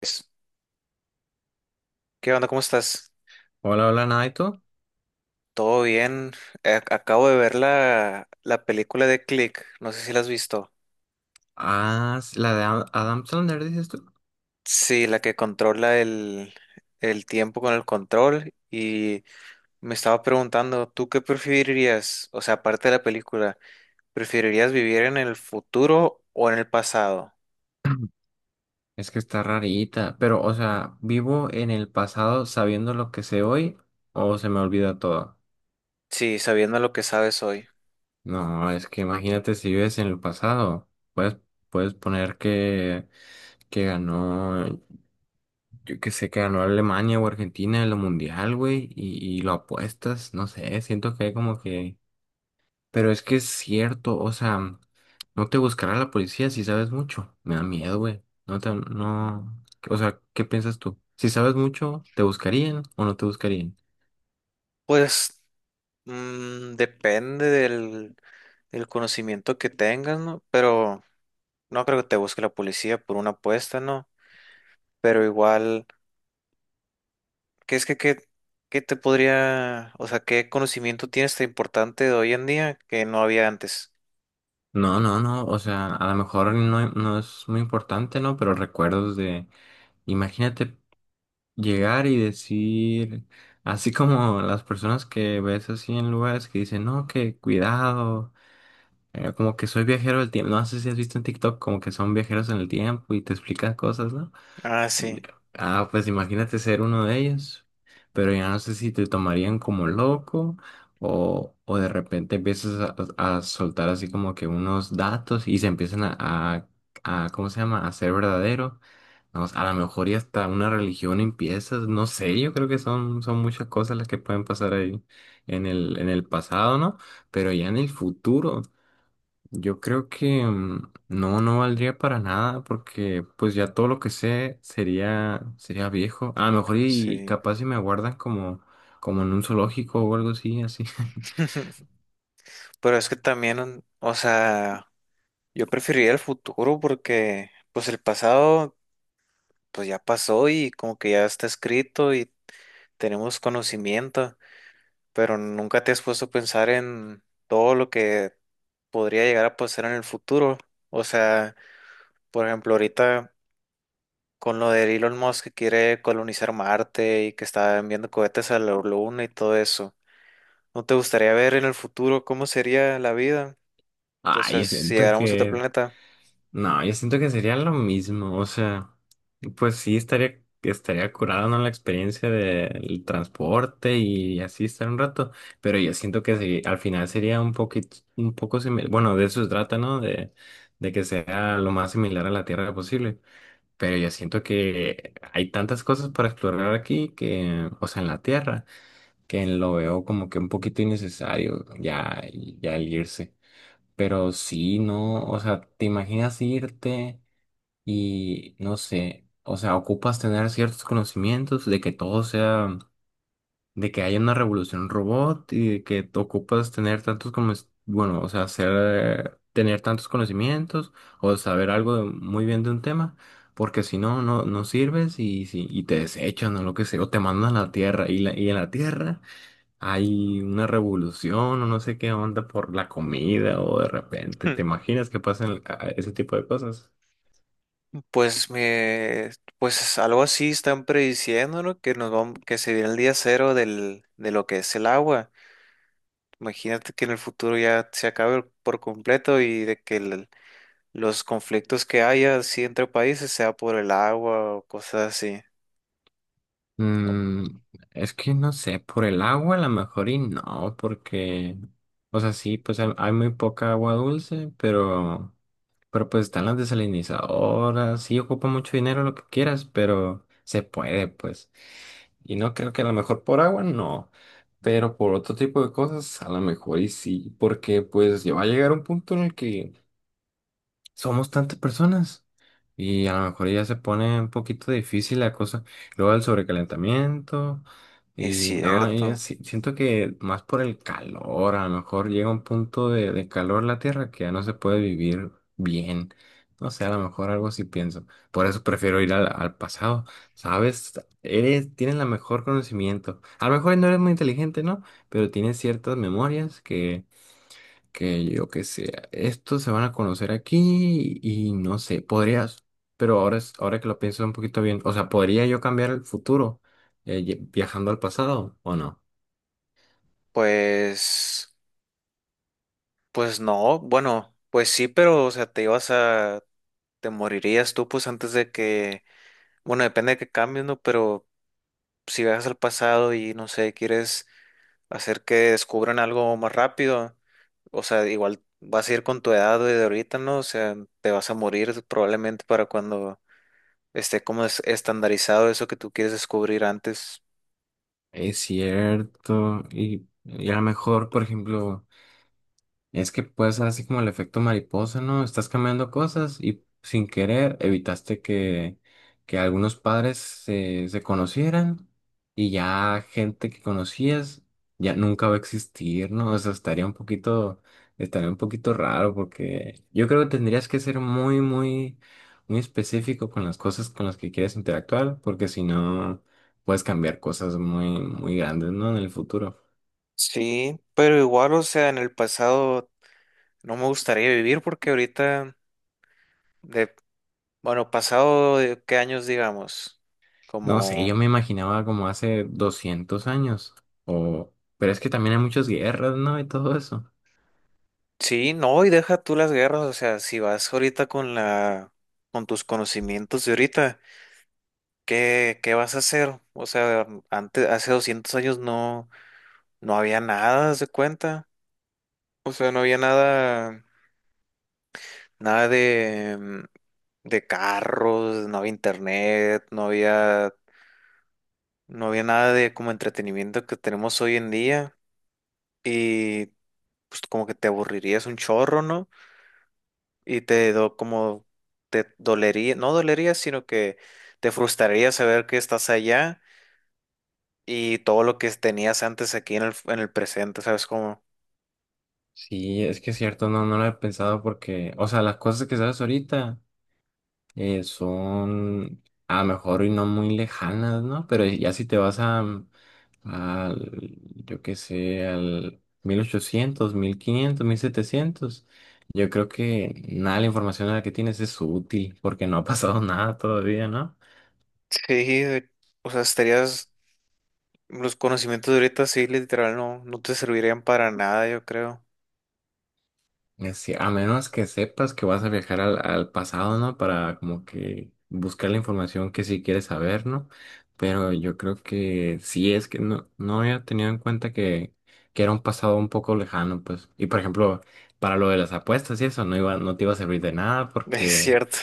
Pues, ¿qué onda? ¿Cómo estás? Hola, hola, Naito. ¿Todo bien? Acabo de ver la película de Click, no sé si la has visto. Ah, la de Adam Sandler, dices tú. Sí, la que controla el tiempo con el control y me estaba preguntando, ¿tú qué preferirías? O sea, aparte de la película, ¿preferirías vivir en el futuro o en el pasado? Es que está rarita, pero, o sea, ¿vivo en el pasado sabiendo lo que sé hoy o se me olvida todo? Sí, sabiendo lo que sabes hoy. No, es que imagínate si vives en el pasado. Puedes poner que ganó, yo que sé, que ganó Alemania o Argentina en lo mundial, güey, y lo apuestas, no sé, siento que hay como que. Pero es que es cierto, o sea, no te buscará la policía si sabes mucho. Me da miedo, güey. No te, no, o sea, ¿qué piensas tú? Si sabes mucho, ¿te buscarían o no te buscarían? Pues depende del conocimiento que tengas, ¿no? Pero no creo que te busque la policía por una apuesta, ¿no? Pero igual, ¿qué es que qué, ¿qué te podría, o sea, qué conocimiento tienes tan importante de hoy en día que no había antes? No, no, no, o sea, a lo mejor no, no es muy importante, ¿no? Pero recuerdos de, imagínate llegar y decir, así como las personas que ves así en lugares que dicen, no, que cuidado, como que soy viajero del tiempo, no sé si has visto en TikTok, como que son viajeros en el tiempo y te explican cosas, ¿no? Ah, sí, Ah, pues imagínate ser uno de ellos, pero ya no sé si te tomarían como loco o de repente empiezas a soltar así como que unos datos y se empiezan ¿cómo se llama?, a ser verdadero. No, a lo mejor y hasta una religión empiezas, no sé, yo creo que son muchas cosas las que pueden pasar ahí en el pasado, ¿no? Pero ya en el futuro. Yo creo que no, no valdría para nada porque pues ya todo lo que sé sería, sería viejo. A lo mejor y sí. capaz si me guardan como en un zoológico o algo así, así. Pero es que también, o sea, yo preferiría el futuro porque, pues el pasado, pues ya pasó y como que ya está escrito y tenemos conocimiento, pero nunca te has puesto a pensar en todo lo que podría llegar a pasar en el futuro. O sea, por ejemplo, ahorita, con lo de Elon Musk, que quiere colonizar Marte y que está enviando cohetes a la Luna y todo eso. ¿No te gustaría ver en el futuro cómo sería la vida? O Ay, sea, yo si siento llegáramos a otro que. planeta. No, yo siento que sería lo mismo, o sea, pues sí estaría, estaría curada, ¿no? La experiencia del transporte y así estar un rato, pero yo siento que sí, al final sería un poquito, un poco similar, bueno, de eso se trata, ¿no? De que sea lo más similar a la Tierra posible, pero yo siento que hay tantas cosas para explorar aquí que, o sea, en la Tierra, que lo veo como que un poquito innecesario ya, ya el irse, pero sí, ¿no? O sea, ¿te imaginas irte? Y no sé, o sea, ocupas tener ciertos conocimientos de que todo sea, de que haya una revolución robot y de que te ocupas tener tantos como, bueno, o sea, hacer, tener tantos conocimientos o saber algo muy bien de un tema, porque si no, no, no sirves y, si, y te desechan o lo que sea, o te mandan a la Tierra y en la Tierra hay una revolución o no sé qué onda por la comida o de repente, ¿te imaginas que pasan ese tipo de cosas? Pues me, pues algo así están prediciendo, ¿no? Que nos vamos, que se viene el día cero de lo que es el agua. Imagínate que en el futuro ya se acabe por completo y de que los conflictos que haya así entre países sea por el agua o cosas así. Mm, es que no sé, por el agua a lo mejor y no, porque, o sea, sí, pues hay muy poca agua dulce, pero pues están las desalinizadoras, sí ocupa mucho dinero lo que quieras, pero se puede, pues. Y no creo que a lo mejor por agua no, pero por otro tipo de cosas a lo mejor y sí, porque pues ya va a llegar un punto en el que somos tantas personas y a lo mejor ya se pone un poquito difícil la cosa. Luego el sobrecalentamiento Es y no, yo cierto. Siento que más por el calor, a lo mejor llega un punto de calor la Tierra que ya no se puede vivir bien. No sé, a lo mejor algo así pienso. Por eso prefiero ir al pasado, ¿sabes? Eres, tienes la mejor conocimiento. A lo mejor no eres muy inteligente, ¿no? Pero tienes ciertas memorias que yo que sé, estos se van a conocer aquí y, no sé, podrías, pero ahora, ahora que lo pienso un poquito bien, o sea, ¿podría yo cambiar el futuro viajando al pasado o no? Pues, pues no, bueno, pues sí, pero, o sea, te morirías tú, pues antes de que, bueno, depende de que cambies, ¿no? Pero si viajas al pasado y, no sé, quieres hacer que descubran algo más rápido, o sea, igual vas a ir con tu edad de ahorita, ¿no? O sea, te vas a morir probablemente para cuando esté como estandarizado eso que tú quieres descubrir antes. Es cierto, y a lo mejor, por ejemplo. Es que puede ser así como el efecto mariposa, ¿no? Estás cambiando cosas y sin querer evitaste que algunos padres se, se conocieran y ya gente que conocías ya nunca va a existir, ¿no? O sea, estaría un poquito raro porque yo creo que tendrías que ser muy, muy, muy específico con las cosas con las que quieres interactuar porque si no puedes cambiar cosas muy, muy grandes, ¿no? En el futuro. Sí, pero igual, o sea, en el pasado no me gustaría vivir porque ahorita... Bueno, pasado de qué años, digamos, No sé, como yo me imaginaba como hace 200 años, o, pero es que también hay muchas guerras, ¿no? Y todo eso. sí. No, y deja tú las guerras, o sea, si vas ahorita con la con tus conocimientos de ahorita, ¿qué vas a hacer? O sea, antes hace 200 años no había nada, haz de cuenta. O sea, no había nada, nada de de carros, no había internet, no había nada de como entretenimiento que tenemos hoy en día, y pues como que te aburrirías un chorro, ¿no? Y como te dolería, no dolería, sino que te frustraría saber que estás allá y todo lo que tenías antes aquí en en el presente, ¿sabes cómo? Sí, es que es cierto, no, no lo he pensado porque, o sea, las cosas que sabes ahorita son a lo mejor y no muy lejanas, ¿no? Pero ya si te vas al, yo qué sé, al 1000 1800 1500 1700 yo creo que nada de la información a la que tienes es útil porque no ha pasado nada todavía, ¿no? Sí, o sea, estarías, los conocimientos de ahorita sí, literal, no te servirían para nada, yo creo. Es que a menos que sepas que vas a viajar al pasado, ¿no? Para como que buscar la información que sí quieres saber, ¿no? Pero yo creo que sí es que no, no había tenido en cuenta que, era un pasado un poco lejano, pues. Y por ejemplo, para lo de las apuestas y eso, no iba, no te iba a servir de nada Es porque cierto.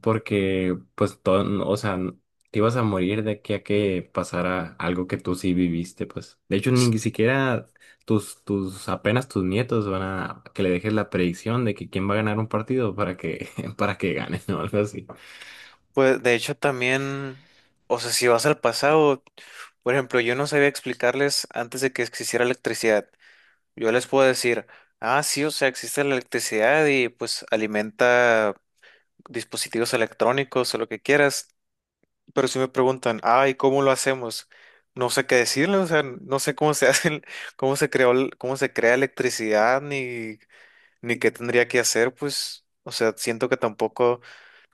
porque pues todo, o sea, te ibas a morir de aquí a que pasara algo que tú sí viviste, pues. De hecho, ni siquiera apenas tus nietos van a que le dejes la predicción de que quién va a ganar un partido para que, para que gane, ¿no? Algo así. Pues de hecho también, o sea, si vas al pasado, por ejemplo, yo no sabía explicarles antes de que existiera electricidad. Yo les puedo decir, ah, sí, o sea, existe la electricidad y pues alimenta dispositivos electrónicos o lo que quieras, pero si me preguntan, ah, ¿y cómo lo hacemos? No sé qué decirles, o sea, no sé cómo se hace, cómo se creó, cómo se crea electricidad, ni qué tendría que hacer, pues, o sea, siento que tampoco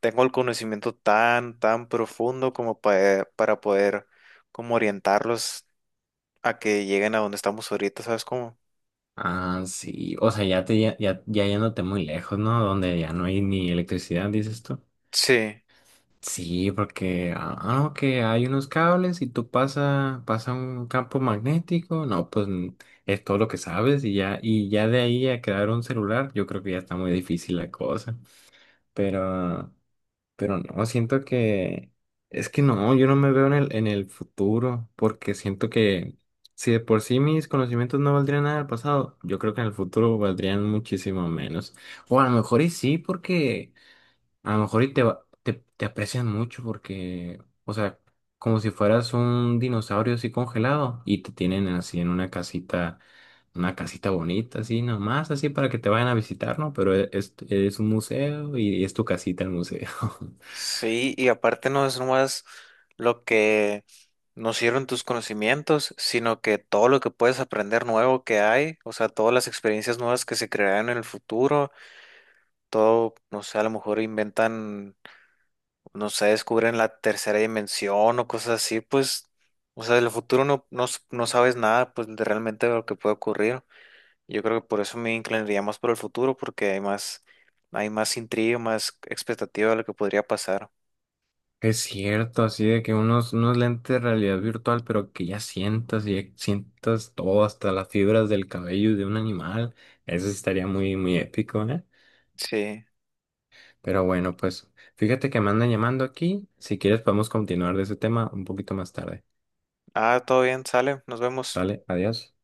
tengo el conocimiento tan profundo como para poder como orientarlos a que lleguen a donde estamos ahorita, ¿sabes cómo? Ah, sí, o sea, ya yéndote muy lejos, ¿no? Donde ya no hay ni electricidad, dices tú. Sí. Sí, porque que hay unos cables y tú pasa un campo magnético, no, pues es todo lo que sabes y ya de ahí a crear un celular, yo creo que ya está muy difícil la cosa. Pero, pero no, siento que es que no, yo no me veo en el futuro, porque siento que si de por sí mis conocimientos no valdrían nada del pasado, yo creo que en el futuro valdrían muchísimo menos. O a lo mejor y sí, porque a lo mejor y te aprecian mucho porque, o sea, como si fueras un dinosaurio así congelado y te tienen así en una casita bonita, así nomás, así para que te vayan a visitar, ¿no? Pero es un museo y es tu casita el museo. Sí, y aparte no es nomás lo que nos sirven tus conocimientos, sino que todo lo que puedes aprender nuevo que hay, o sea, todas las experiencias nuevas que se crearán en el futuro, todo, no sé, a lo mejor inventan, no sé, descubren la tercera dimensión o cosas así, pues, o sea, del futuro no sabes nada, pues, de realmente lo que puede ocurrir. Yo creo que por eso me inclinaría más por el futuro, porque hay más intriga, más expectativa de lo que podría pasar. Es cierto, así de que unos lentes de realidad virtual, pero que ya sientas todo, hasta las fibras del cabello de un animal. Eso sí estaría muy, muy épico, ¿eh? Sí. Pero bueno, pues fíjate que me andan llamando aquí. Si quieres podemos continuar de ese tema un poquito más tarde. Ah, todo bien, sale, nos vemos. Sale, adiós.